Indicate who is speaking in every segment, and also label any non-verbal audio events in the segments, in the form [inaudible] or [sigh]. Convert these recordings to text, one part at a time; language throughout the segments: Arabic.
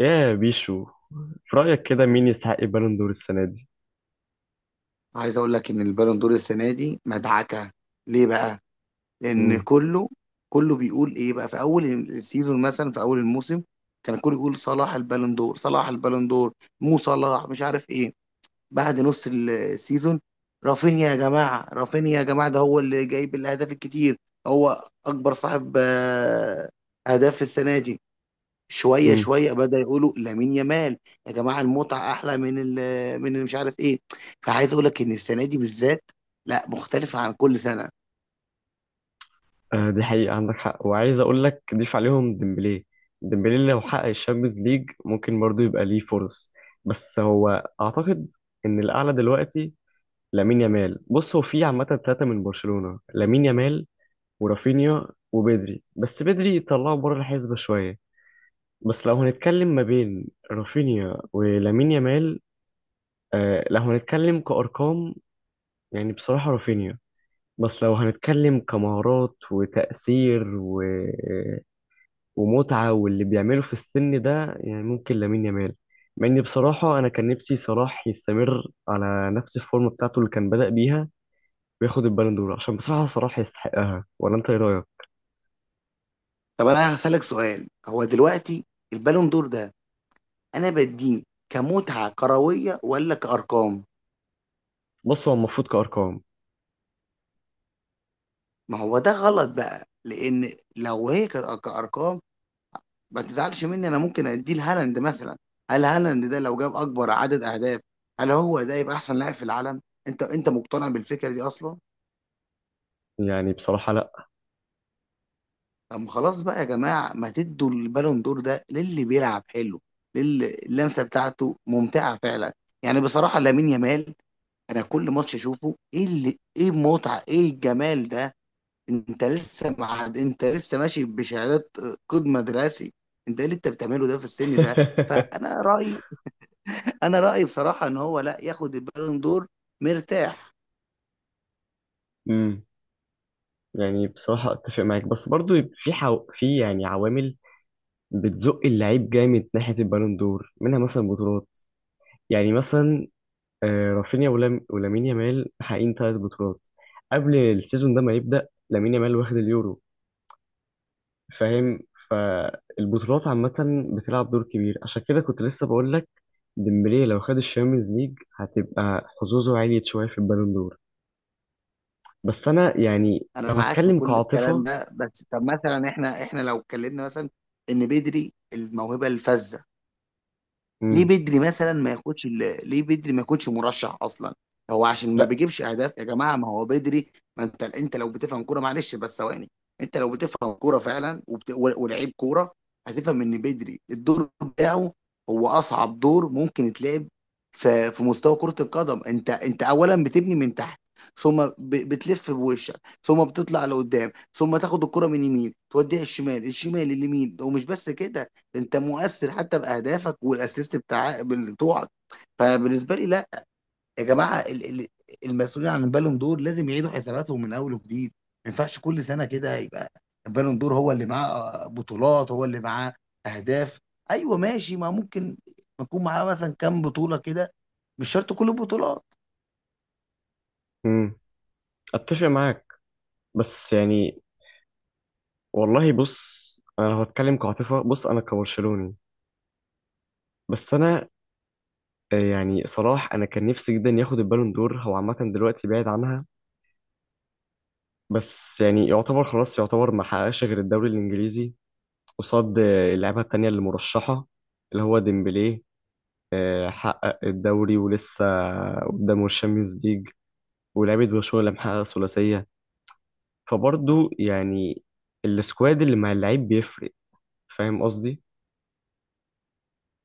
Speaker 1: يا بيشو، في رأيك كده مين يستحق البالون دور السنة دي؟
Speaker 2: عايز اقول لك ان البالون دور السنه دي مدعكه. ليه بقى؟ لان
Speaker 1: مم.
Speaker 2: كله بيقول ايه بقى؟ في اول السيزون، مثلا في اول الموسم، كان كله يقول صلاح البالون دور، صلاح البالون دور، مو صلاح، مش عارف ايه. بعد نص السيزون، رافينيا يا جماعه، رافينيا يا جماعه، ده هو اللي جايب الاهداف الكتير، هو اكبر صاحب اهداف في السنه دي. شويه
Speaker 1: مم.
Speaker 2: شويه بدأ يقولوا لامين يامال. يا جماعه المتعه احلى من من اللي مش عارف ايه. فعايز اقول لك ان السنه دي بالذات لا، مختلفه عن كل سنه.
Speaker 1: آه، دي حقيقة، عندك حق. وعايز أقول لك ضيف عليهم ديمبلي. ديمبلي لو حقق الشامبيونز ليج ممكن برضه يبقى ليه فرص. بس هو أعتقد إن الأعلى دلوقتي لامين يامال. بص، هو في عامة ثلاثة من برشلونة: لامين يامال ورافينيا وبدري. بس بدري طلعه بره الحسبة شوية. بس لو هنتكلم ما بين رافينيا ولامين يامال، آه لو هنتكلم كأرقام يعني بصراحة رافينيا. بس لو هنتكلم كمهارات وتأثير ومتعة واللي بيعمله في السن ده، يعني ممكن لامين يامال. مع إني بصراحة أنا كان نفسي صلاح يستمر على نفس الفورم بتاعته اللي كان بدأ بيها وياخد البالون دور، عشان بصراحة صلاح يستحقها. ولا أنت إيه رأيك؟
Speaker 2: طب انا هسألك سؤال، هو دلوقتي البالون دور ده انا بديه كمتعه كرويه ولا كارقام؟
Speaker 1: بص، هو المفروض كأرقام.
Speaker 2: ما هو ده غلط بقى، لان لو هي كانت كارقام، ما تزعلش مني، انا ممكن اديه لهالاند مثلا. هل هالاند ده لو جاب اكبر عدد اهداف هل هو ده يبقى احسن لاعب في العالم؟ انت مقتنع بالفكره دي اصلا؟
Speaker 1: يعني بصراحة لأ.
Speaker 2: طب خلاص بقى يا جماعة، ما تدوا البالون دور ده للي بيلعب حلو، للي اللمسة بتاعته ممتعة فعلا. يعني بصراحة لامين يامال، أنا كل ماتش أشوفه إيه اللي إيه المتعة إيه الجمال ده. أنت لسه مع، أنت لسه ماشي بشهادات قيد مدرسي، أنت إيه اللي أنت بتعمله ده في السن ده؟
Speaker 1: [laughs]
Speaker 2: فأنا رأيي، أنا رأيي بصراحة إن هو لا ياخد البالون دور مرتاح.
Speaker 1: امم يعني بصراحة أتفق معاك، بس برضو في في يعني عوامل بتزق اللعيب جامد ناحية البالون دور، منها مثلا بطولات. يعني مثلا رافينيا ولام ولامين يامال حقين ثلاث بطولات قبل السيزون ده ما يبدأ. لامين يامال واخد اليورو، فاهم؟ فالبطولات عامة بتلعب دور كبير، عشان كده كنت لسه بقول لك ديمبلي لو خد الشامبيونز ليج هتبقى حظوظه عالية شوية في البالون دور. بس أنا يعني
Speaker 2: أنا
Speaker 1: لو
Speaker 2: معاك في
Speaker 1: هتكلم
Speaker 2: كل الكلام
Speaker 1: كعاطفة.
Speaker 2: ده، بس طب مثلا إحنا لو اتكلمنا مثلا إن بدري الموهبة الفذة، ليه
Speaker 1: مم.
Speaker 2: بدري مثلا ما ياخدش ليه بدري ما يكونش مرشح اصلا؟ هو عشان ما
Speaker 1: لا
Speaker 2: بيجيبش اهداف يا جماعه ما هو بدري. ما انت لو بتفهم كوره، معلش بس ثواني، انت لو بتفهم كوره فعلا ولعيب كوره، هتفهم ان بدري الدور بتاعه هو اصعب دور ممكن يتلعب في مستوى كره القدم. انت اولا بتبني من تحت، ثم بتلف بوشك، ثم بتطلع لقدام، ثم تاخد الكره من يمين توديها الشمال، الشمال اليمين، ومش بس كده، انت مؤثر حتى باهدافك والاسيست بتاع بتوعك. فبالنسبه لي لا، يا جماعه المسؤولين عن البالون دور لازم يعيدوا حساباتهم من اول وجديد. ما ينفعش كل سنه كده يبقى البالون دور هو اللي معاه بطولات، هو اللي معاه اهداف. ايوه ماشي، ما ممكن يكون معاه مثلا كام بطوله كده، مش شرط كل البطولات.
Speaker 1: مم. أتفق معاك بس يعني والله. بص، أنا لو هتكلم كعاطفة، بص أنا كبرشلوني. بس أنا يعني صلاح انا كان نفسي جدا ياخد البالون دور. هو عامه دلوقتي بعيد عنها، بس يعني يعتبر خلاص، يعتبر ما حققش غير الدوري الانجليزي قصاد اللعيبه التانيه اللي مرشحه، اللي هو ديمبلي. حقق الدوري ولسه قدامه الشامبيونز ليج، ولعيبه برشلونه اللي محققه ثلاثيه. فبرضه يعني السكواد اللي مع اللعيب بيفرق. فاهم قصدي؟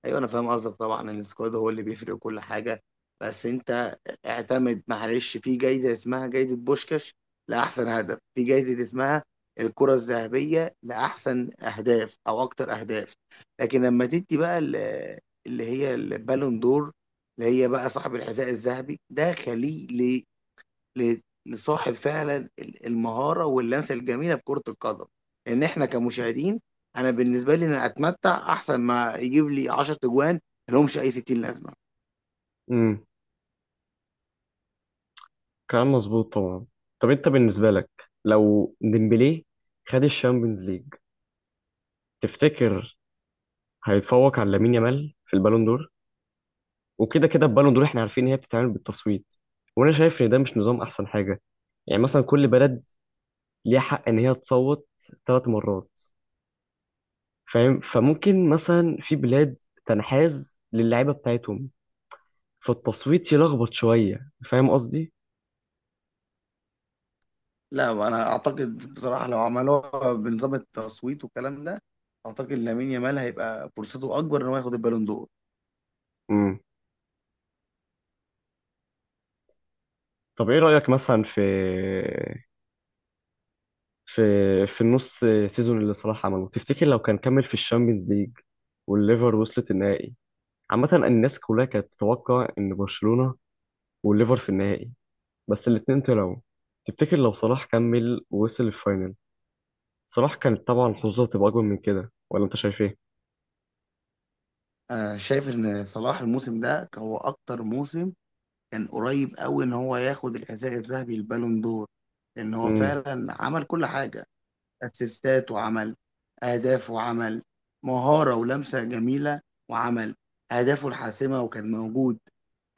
Speaker 2: ايوه انا فاهم قصدك طبعا ان السكواد هو اللي بيفرق وكل حاجه، بس انت اعتمد معلش، في جايزه اسمها جايزه بوشكاش لاحسن هدف، في جايزه اسمها الكره الذهبيه لاحسن اهداف او اكتر اهداف، لكن لما تدي بقى اللي هي البالون دور، اللي هي بقى صاحب الحذاء الذهبي، ده خليه لصاحب فعلا المهاره واللمسه الجميله في كره القدم. لان احنا كمشاهدين، انا بالنسبه لي انا اتمتع احسن ما يجيب لي 10 اجوان ملهمش اي 60 لازمه.
Speaker 1: امم كلام مظبوط طبعا. طب انت بالنسبه لك لو ديمبلي خد الشامبيونز ليج، تفتكر هيتفوق على لامين يامال في البالون دور؟ وكده كده البالون دور احنا عارفين ان هي بتتعمل بالتصويت، وانا شايف ان ده مش نظام احسن حاجه. يعني مثلا كل بلد ليها حق ان هي تصوت ثلاث مرات، فاهم؟ فممكن مثلا في بلاد تنحاز للعيبه بتاعتهم، فالتصويت يلخبط شويه. فاهم قصدي؟
Speaker 2: لا، انا اعتقد بصراحه لو عملوها بنظام التصويت والكلام ده، اعتقد لامين يامال هيبقى فرصته اكبر ان هو ياخد البالون دور.
Speaker 1: امم طب ايه رايك مثلا في في في النص سيزون اللي صلاح عمله؟ تفتكر لو كان كمل في الشامبيونز ليج والليفر وصلت النهائي؟ عامة الناس كلها كانت تتوقع إن برشلونة والليفر في النهائي، بس الاتنين طلعوا. تفتكر لو صلاح كمل ووصل الفاينل، صلاح كانت طبعا حظوظه تبقى أكبر من كده؟ ولا أنت شايف إيه؟
Speaker 2: انا شايف ان صلاح الموسم ده كان هو اكتر موسم، كان قريب قوي ان هو ياخد الحذاء الذهبي البالون دور، لان هو
Speaker 1: امم
Speaker 2: فعلا عمل كل حاجه: اسيستات، وعمل اهداف، وعمل مهارة ولمسة جميلة، وعمل اهدافه الحاسمة، وكان موجود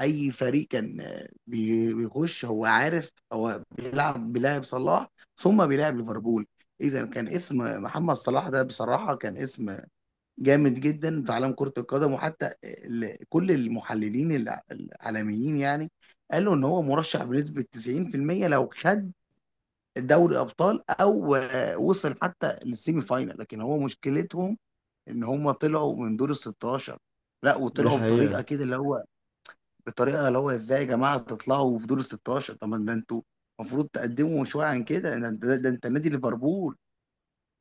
Speaker 2: اي فريق كان بيخش، هو عارف هو بيلعب صلاح ثم بيلعب ليفربول. اذا كان اسم محمد صلاح ده بصراحه كان اسم جامد جدا في عالم كره القدم، وحتى كل المحللين العالميين يعني قالوا ان هو مرشح بنسبه 90% لو خد دوري ابطال، او وصل حتى للسيمي فاينال، لكن هو مشكلتهم ان هم طلعوا من دور ال 16. لا،
Speaker 1: دي
Speaker 2: وطلعوا
Speaker 1: حقيقة.
Speaker 2: بطريقه كده اللي هو، بطريقه اللي هو ازاي يا جماعه تطلعوا في دور ال 16؟ طب ما ده انتوا المفروض تقدموا شويه عن كده. ده انت نادي ليفربول،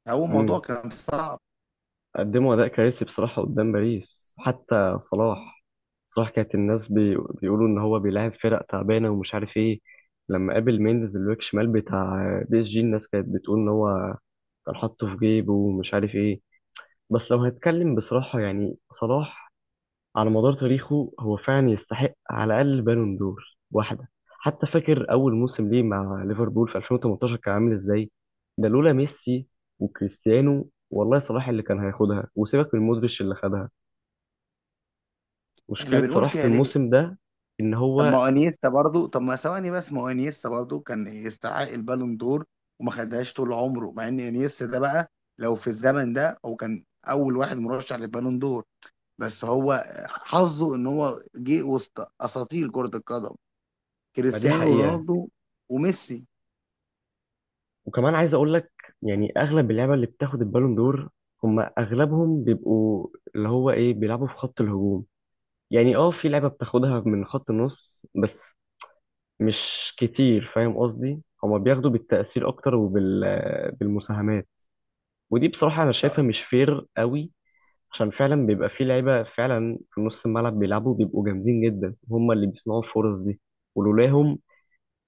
Speaker 2: هو موضوع
Speaker 1: امم
Speaker 2: كان صعب.
Speaker 1: قدموا أداء كارثي بصراحة قدام باريس. حتى صلاح، صلاح كانت الناس بيقولوا إن هو بيلاعب فرق تعبانة ومش عارف إيه. لما قابل مينديز الباك شمال بتاع بي اس جي الناس كانت بتقول إن هو كان حاطه في جيبه ومش عارف إيه. بس لو هنتكلم بصراحة، يعني صلاح على مدار تاريخه هو فعلا يستحق على الأقل بالون دور واحدة. حتى فاكر أول موسم ليه مع ليفربول في 2018 كان عامل إزاي؟ ده لولا ميسي وكريستيانو والله صلاح اللي كان هياخدها، وسيبك من مودريتش اللي خدها.
Speaker 2: احنا
Speaker 1: مشكلة
Speaker 2: بنقول
Speaker 1: صلاح في
Speaker 2: فيها ليه؟
Speaker 1: الموسم ده إن هو
Speaker 2: طب ما ثواني بس، ما هو انيستا برضو كان يستحق البالون دور وما خدهاش طول عمره. مع ان انيستا ده بقى لو في الزمن ده هو كان اول واحد مرشح للبالون دور، بس هو حظه ان هو جه وسط اساطير كرة القدم
Speaker 1: ما دي
Speaker 2: كريستيانو
Speaker 1: حقيقة.
Speaker 2: رونالدو وميسي.
Speaker 1: وكمان عايز أقول لك، يعني أغلب اللعبة اللي بتاخد البالون دور هم أغلبهم بيبقوا اللي هو إيه بيلعبوا في خط الهجوم. يعني اه في لعبة بتاخدها من خط النص بس مش كتير، فاهم قصدي؟ هما بياخدوا بالتأثير أكتر وبالمساهمات، ودي بصراحة أنا شايفها مش فير قوي، عشان فعلا بيبقى في لعيبة فعلا في نص الملعب بيلعبوا، بيبقوا جامدين جدا، هما اللي بيصنعوا الفرص دي. ولولاهم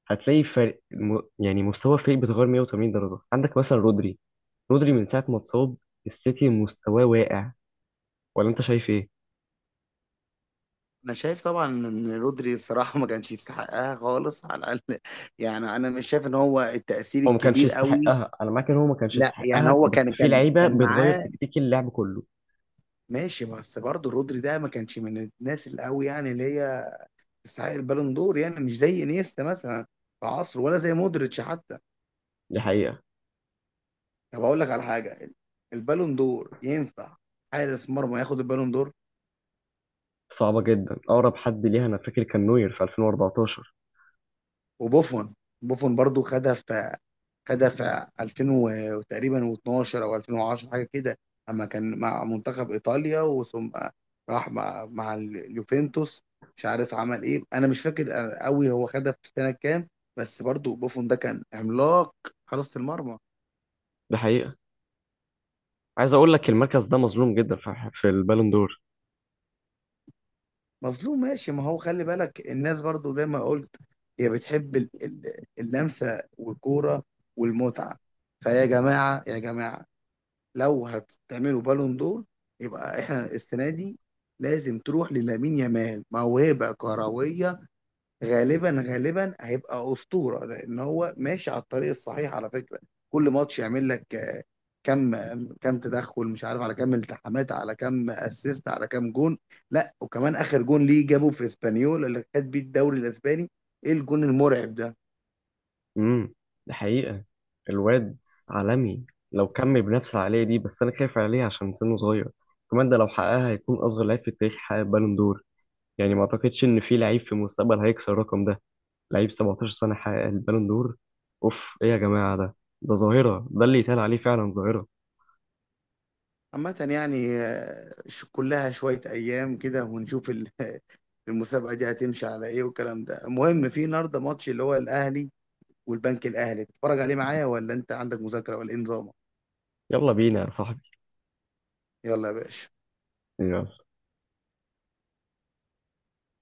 Speaker 1: هتلاقي فرق يعني مستوى الفريق بيتغير 180 درجة. عندك مثلا رودري من ساعة ما اتصاب السيتي مستواه واقع. ولا أنت شايف إيه؟
Speaker 2: انا شايف طبعا ان رودري الصراحه ما كانش يستحقها خالص [laughs] على الاقل يعني انا مش شايف ان هو التاثير
Speaker 1: هو ما كانش
Speaker 2: الكبير قوي.
Speaker 1: يستحقها، أنا معاك إن هو ما كانش
Speaker 2: لا يعني
Speaker 1: يستحقها،
Speaker 2: هو
Speaker 1: بس
Speaker 2: كان
Speaker 1: في
Speaker 2: كان
Speaker 1: لعيبة
Speaker 2: كان
Speaker 1: بتغير
Speaker 2: معاه،
Speaker 1: تكتيك اللعب كله.
Speaker 2: ماشي، بس برضه رودري ده ما كانش من الناس القوي يعني اللي هي تستحق البالون دور، يعني مش زي انيستا مثلا في عصره، ولا زي مودريتش حتى.
Speaker 1: دي حقيقة.
Speaker 2: طب اقول لك على حاجه، البالون دور ينفع حارس مرمى ياخد البالون دور؟
Speaker 1: صعبة جدا، أقرب حد ليها أنا فاكر كان نوير في 2014.
Speaker 2: وبوفون، برضو خدها في 2000 وتقريبا و12 او 2010 حاجه كده، اما كان مع منتخب ايطاليا وثم راح مع اليوفنتوس، مش عارف عمل ايه، انا مش فاكر قوي هو خدها في سنه كام. بس برضو بوفون ده كان عملاق حراسه المرمى.
Speaker 1: ده حقيقة. عايز أقول لك المركز ده مظلوم جدا في البالون دور.
Speaker 2: مظلوم ماشي، ما هو خلي بالك الناس برضو زي ما قلت هي بتحب اللمسه والكوره والمتعه. فيا جماعه يا جماعه، لو هتعملوا بالون دور، يبقى احنا السنه دي لازم تروح للامين يامال، موهبه كرويه، غالبا غالبا هيبقى اسطوره لان هو ماشي على الطريق الصحيح على فكره. كل ماتش يعمل لك كم كم تدخل، مش عارف على كم التحامات، على كم اسيست، على كم جون. لا وكمان اخر جون ليه جابه في اسبانيول اللي خد بيه الدوري الاسباني، ايه الجون المرعب ده!
Speaker 1: امم ده حقيقة. الواد عالمي، لو كمل بنفس العقلية دي. بس أنا خايف عليه عشان سنه صغير. كمان ده لو حققها هيكون أصغر لعيب في التاريخ حقق بالون دور. يعني ما أعتقدش إن في لعيب في المستقبل هيكسر الرقم ده. لعيب 17 سنة حقق البالون دور، أوف إيه يا جماعة ده! ده ظاهرة، ده اللي يتقال عليه فعلا ظاهرة.
Speaker 2: عامة يعني كلها شوية أيام كده ونشوف [laughs] المسابقه دي هتمشي على ايه والكلام ده. المهم في النهارده ماتش اللي هو الاهلي والبنك الاهلي، تتفرج عليه معايا ولا انت عندك مذاكره ولا ايه نظامك؟
Speaker 1: يلا بينا يا صاحبي.
Speaker 2: يلا يا باشا.